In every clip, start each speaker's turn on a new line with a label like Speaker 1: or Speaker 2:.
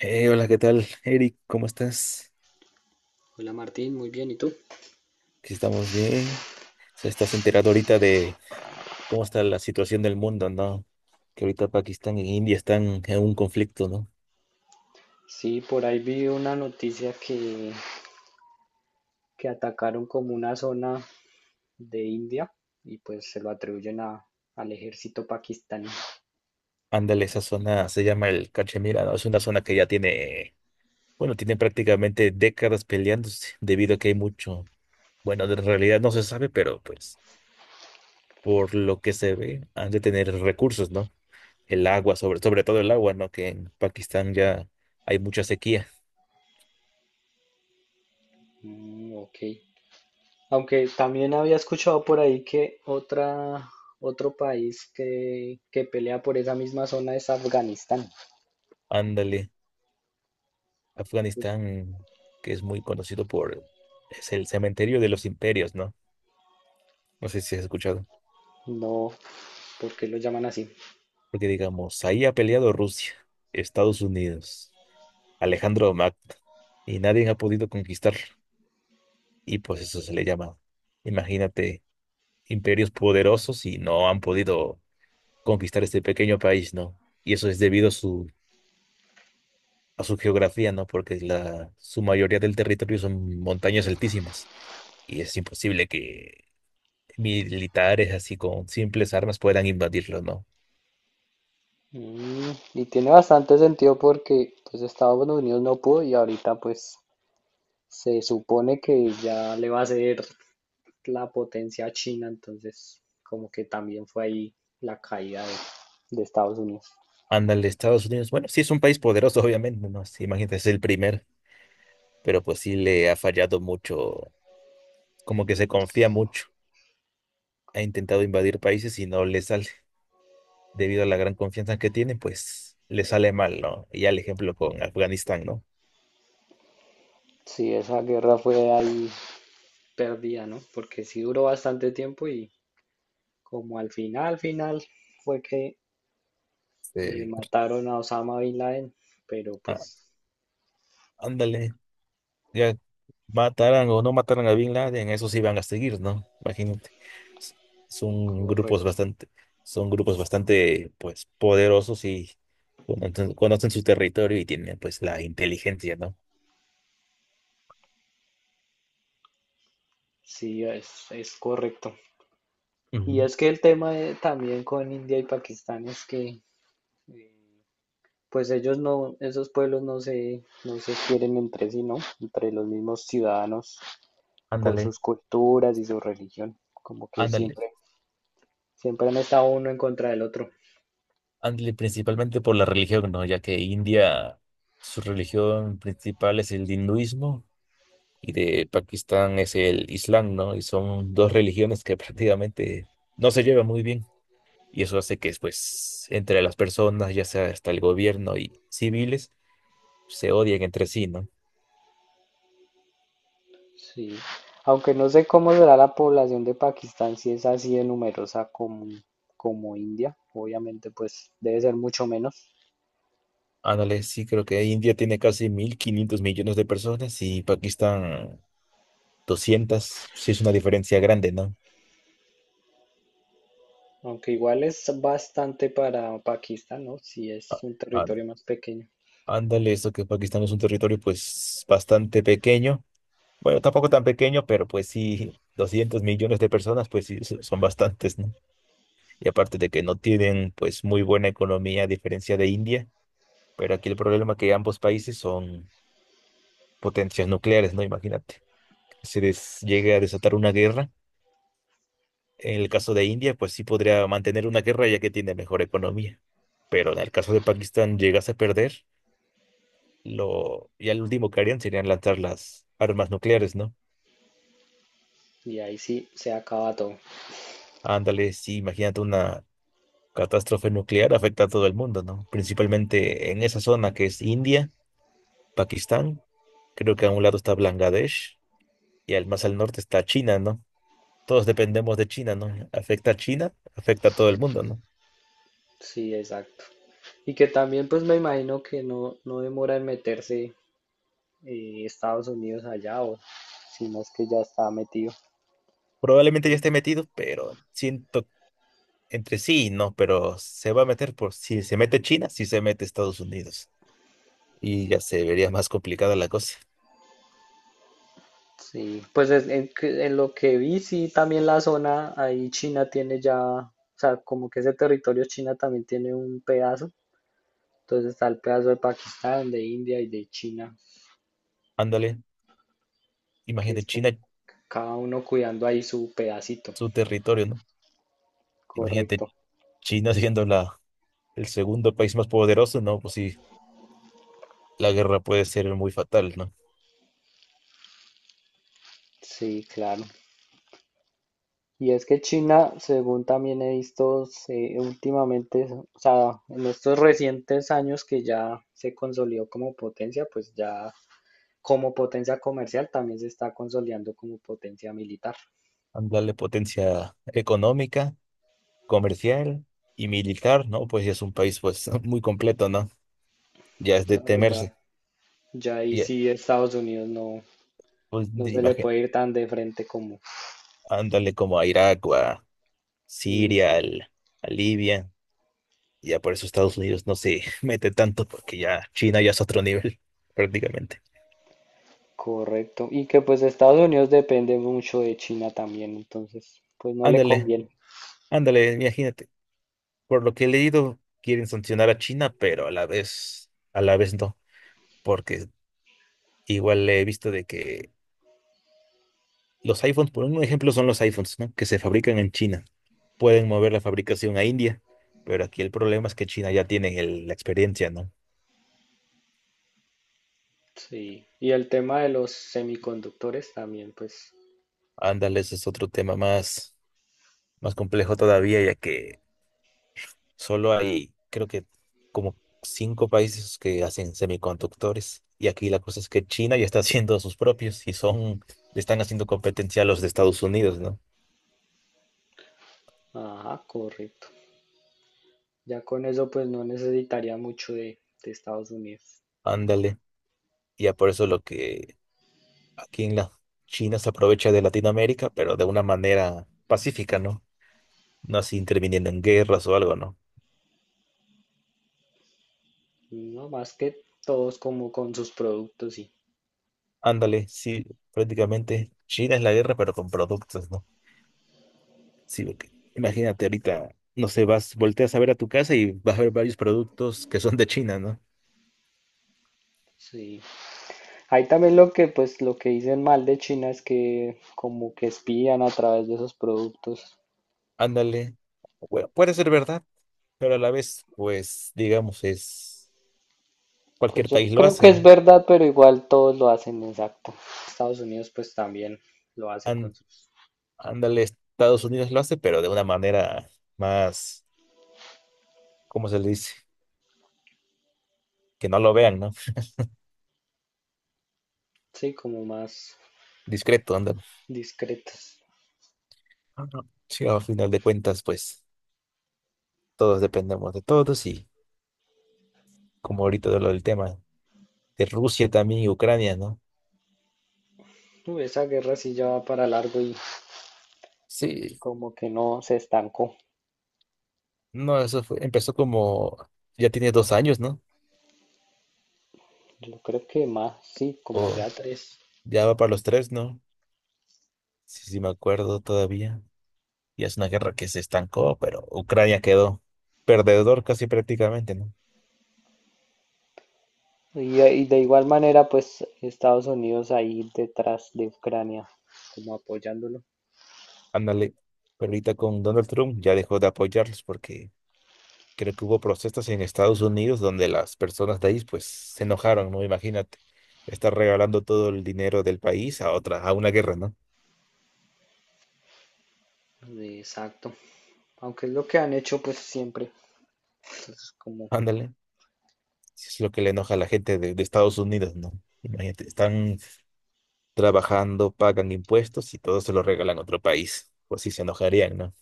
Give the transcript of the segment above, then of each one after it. Speaker 1: Hola, ¿qué tal, Eric? ¿Cómo estás?
Speaker 2: Hola Martín, muy bien, ¿y tú?
Speaker 1: Aquí estamos bien. Se estás enterado ahorita de cómo está la situación del mundo, ¿no? Que ahorita Pakistán e India están en un conflicto, ¿no?
Speaker 2: Sí, por ahí vi una noticia que atacaron como una zona de India y pues se lo atribuyen al ejército pakistaní.
Speaker 1: Ándale, esa zona se llama el Cachemira, ¿no? Es una zona que ya tiene, bueno, tiene prácticamente décadas peleándose debido a que hay mucho, bueno, en realidad no se sabe, pero pues por lo que se ve, han de tener recursos, ¿no? El agua, sobre todo el agua, ¿no? Que en Pakistán ya hay mucha sequía.
Speaker 2: Mm, ok. Aunque también había escuchado por ahí que otro país que pelea por esa misma zona es Afganistán.
Speaker 1: Ándale. Afganistán, que es muy conocido es el cementerio de los imperios, ¿no? No sé si has escuchado.
Speaker 2: No, ¿por qué lo llaman así?
Speaker 1: Porque digamos, ahí ha peleado Rusia, Estados Unidos, Alejandro Magno, y nadie ha podido conquistar. Y pues eso se le llama, imagínate, imperios poderosos y no han podido conquistar este pequeño país, ¿no? Y eso es debido a su geografía, ¿no? Porque su mayoría del territorio son montañas altísimas y es imposible que militares así con simples armas puedan invadirlos, ¿no?
Speaker 2: Mm, y tiene bastante sentido porque pues Estados Unidos no pudo y ahorita pues se supone que ya le va a ser la potencia a China, entonces como que también fue ahí la caída de Estados Unidos.
Speaker 1: Ándale, Estados Unidos, bueno, sí es un país poderoso, obviamente, ¿no? Sí, imagínate, es el primer, pero pues sí le ha fallado mucho, como que se confía mucho. Ha intentado invadir países y no le sale. Debido a la gran confianza que tiene, pues le sale mal, ¿no? Y ya el ejemplo con Afganistán, ¿no?
Speaker 2: Sí, esa guerra fue ahí perdida, ¿no? Porque sí duró bastante tiempo y como al final fue que
Speaker 1: Sí.
Speaker 2: mataron a Osama Bin Laden, pero
Speaker 1: Ah,
Speaker 2: pues
Speaker 1: ándale. Ya mataran o no mataran a Bin Laden, eso sí van a seguir, ¿no? Imagínate. S- Son grupos
Speaker 2: correcto,
Speaker 1: bastante, son grupos bastante, pues, poderosos y conocen su territorio y tienen, pues, la inteligencia, ¿no?
Speaker 2: sí, es correcto. Y
Speaker 1: Ujú.
Speaker 2: es que el también con India y Pakistán es que eh, pues ellos no, esos pueblos no se quieren entre sí, ¿no? Entre los mismos ciudadanos por
Speaker 1: Ándale,
Speaker 2: sus culturas y su religión. Como que
Speaker 1: ándale,
Speaker 2: siempre han estado uno en contra del otro.
Speaker 1: ándale, principalmente por la religión, ¿no? Ya que India, su religión principal es el hinduismo y de Pakistán es el Islam, ¿no? Y son dos religiones que prácticamente no se llevan muy bien. Y eso hace que, pues, entre las personas, ya sea hasta el gobierno y civiles, se odien entre sí, ¿no?
Speaker 2: Sí. Aunque no sé cómo será la población de Pakistán, si es así de numerosa como India, obviamente pues debe ser mucho menos.
Speaker 1: Ándale, sí, creo que India tiene casi 1.500 millones de personas y Pakistán 200. Sí, es una diferencia grande, ¿no?
Speaker 2: Aunque igual es bastante para Pakistán, ¿no? Si es
Speaker 1: Á-
Speaker 2: un
Speaker 1: ánd-
Speaker 2: territorio más pequeño.
Speaker 1: Ándale, eso que Pakistán es un territorio, pues, bastante pequeño. Bueno, tampoco tan pequeño, pero pues sí, 200 millones de personas, pues sí, son bastantes, ¿no? Y aparte de que no tienen, pues, muy buena economía a diferencia de India. Pero aquí el problema es que ambos países son potencias nucleares, ¿no? Imagínate, que llegue a desatar una guerra. En el caso de India, pues sí podría mantener una guerra ya que tiene mejor economía. Pero en el caso de Pakistán llegase a perder, ya lo último que harían serían lanzar las armas nucleares, ¿no?
Speaker 2: Y ahí sí se acaba todo.
Speaker 1: Ándale, sí, imagínate una catástrofe nuclear afecta a todo el mundo, ¿no? Principalmente en esa zona que es India, Pakistán, creo que a un lado está Bangladesh y al más al norte está China, ¿no? Todos dependemos de China, ¿no? Afecta a China, afecta a todo el mundo, ¿no?
Speaker 2: Sí, exacto. Y que también pues me imagino que no demora en meterse Estados Unidos allá o si no es que ya está metido.
Speaker 1: Probablemente ya esté metido, pero siento entre sí, ¿no? Pero se va a meter por si se mete China, si se mete Estados Unidos. Y ya se vería más complicada la cosa.
Speaker 2: Sí, pues en lo que vi, sí, también la zona, ahí China tiene ya, o sea, como que ese territorio China también tiene un pedazo, entonces está el pedazo de Pakistán, de India y de China,
Speaker 1: Ándale,
Speaker 2: que
Speaker 1: imagínate
Speaker 2: es
Speaker 1: China,
Speaker 2: como cada uno cuidando ahí su pedacito,
Speaker 1: su territorio, ¿no? Imagínate
Speaker 2: correcto.
Speaker 1: China siendo el segundo país más poderoso, ¿no? Pues sí, la guerra puede ser muy fatal, ¿no?
Speaker 2: Sí, claro. Y es que China, según también he últimamente, o sea, en estos recientes años que ya se consolidó como potencia, pues ya como potencia comercial también se está consolidando como potencia militar.
Speaker 1: Ándale, potencia económica, comercial y militar, ¿no? Pues ya es un país, pues, muy completo, ¿no? Ya es de
Speaker 2: Claro,
Speaker 1: temerse.
Speaker 2: ya ahí
Speaker 1: Y,
Speaker 2: sí Estados Unidos no,
Speaker 1: pues,
Speaker 2: no
Speaker 1: de
Speaker 2: se le puede ir tan de frente como...
Speaker 1: ándale como a Irak o a Siria,
Speaker 2: Exacto,
Speaker 1: a Libia. Ya por eso Estados Unidos no se mete tanto, porque ya China ya es otro nivel, prácticamente.
Speaker 2: correcto. Y que pues Estados Unidos depende mucho de China también, entonces pues no le
Speaker 1: Ándale,
Speaker 2: conviene.
Speaker 1: ándale, imagínate. Por lo que he leído, quieren sancionar a China, pero a la vez no, porque igual he visto de que los iPhones, por un ejemplo, son los iPhones, ¿no? Que se fabrican en China. Pueden mover la fabricación a India, pero aquí el problema es que China ya tiene la experiencia, ¿no?
Speaker 2: Sí, y el tema de los semiconductores también, pues
Speaker 1: Ándale, ese es otro tema más, más complejo todavía, ya que solo hay, creo que como cinco países que hacen semiconductores. Y aquí la cosa es que China ya está haciendo sus propios y son, le están haciendo competencia a los de Estados Unidos, ¿no?
Speaker 2: ajá, correcto. Ya con eso pues no necesitaría mucho de Estados Unidos.
Speaker 1: Ándale. Ya por eso lo que aquí en la China se aprovecha de Latinoamérica, pero de una manera pacífica, ¿no? No así interviniendo en guerras o algo, ¿no?
Speaker 2: No más que todos como con sus productos, sí.
Speaker 1: Ándale, sí, prácticamente China es la guerra, pero con productos, ¿no? Sí, porque imagínate ahorita, no sé, vas, volteas a ver a tu casa y vas a ver varios productos que son de China, ¿no?
Speaker 2: Sí. Ahí también lo que pues lo que dicen mal de China es que como que espían a través de esos productos.
Speaker 1: Ándale. Bueno, puede ser verdad, pero a la vez, pues, digamos, es
Speaker 2: Pues
Speaker 1: cualquier
Speaker 2: yo
Speaker 1: país lo
Speaker 2: creo
Speaker 1: hace,
Speaker 2: que
Speaker 1: ¿no?
Speaker 2: es verdad, pero igual todos lo hacen, exacto. Estados Unidos pues también lo hace con
Speaker 1: Án-
Speaker 2: sus,
Speaker 1: ándale, Estados Unidos lo hace, pero de una manera más, ¿cómo se le dice? Que no lo vean, ¿no?
Speaker 2: sí, como más
Speaker 1: Discreto, ándale.
Speaker 2: discretos.
Speaker 1: Ajá. Sí, al final de cuentas, pues, todos dependemos de todos y como ahorita de lo del tema de Rusia también y Ucrania, ¿no?
Speaker 2: Uy, esa guerra sí ya va para largo y
Speaker 1: Sí,
Speaker 2: como que no se estancó.
Speaker 1: no, eso fue, empezó como, ya tiene 2 años, ¿no?
Speaker 2: Yo creo que más, sí, como
Speaker 1: O
Speaker 2: ya tres.
Speaker 1: ya va para los tres, ¿no? Sí, sí, me acuerdo todavía. Y es una guerra que se estancó, pero Ucrania quedó perdedor casi prácticamente, ¿no?
Speaker 2: Y, y de igual manera, pues Estados Unidos ahí detrás de Ucrania, como apoyándolo.
Speaker 1: Ándale, pero ahorita con Donald Trump ya dejó de apoyarlos porque creo que hubo protestas en Estados Unidos donde las personas de ahí pues se enojaron, ¿no? Imagínate, estar regalando todo el dinero del país a otra, a una guerra, ¿no?
Speaker 2: Exacto. Aunque es lo que han hecho pues siempre. Entonces, como,
Speaker 1: Ándale, sí es lo que le enoja a la gente de Estados Unidos, ¿no? Imagínate, están trabajando, pagan impuestos y todo se lo regalan a otro país. Pues sí, se enojarían, ¿no?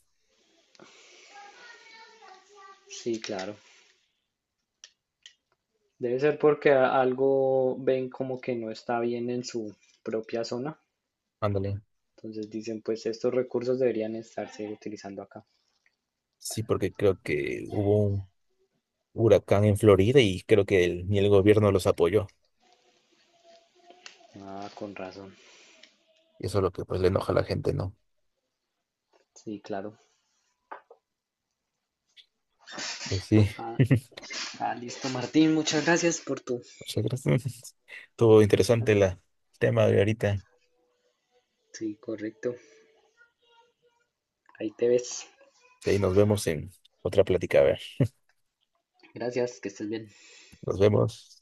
Speaker 2: sí, claro. Debe ser porque algo ven como que no está bien en su propia zona.
Speaker 1: Ándale.
Speaker 2: Entonces dicen, pues estos recursos deberían estarse utilizando acá.
Speaker 1: Sí, porque creo que hubo un huracán en Florida y creo que ni el gobierno los apoyó.
Speaker 2: Ah, con razón.
Speaker 1: Y eso es lo que pues le enoja a la gente, ¿no?
Speaker 2: Sí, claro.
Speaker 1: Pues sí.
Speaker 2: Ah, ah, listo, Martín. Muchas gracias por tu
Speaker 1: Muchas gracias. Estuvo interesante
Speaker 2: charla.
Speaker 1: la, el tema de ahorita.
Speaker 2: Sí, correcto. Ahí te ves.
Speaker 1: Y nos vemos en otra plática. A ver,
Speaker 2: Gracias, que estés bien.
Speaker 1: nos vemos.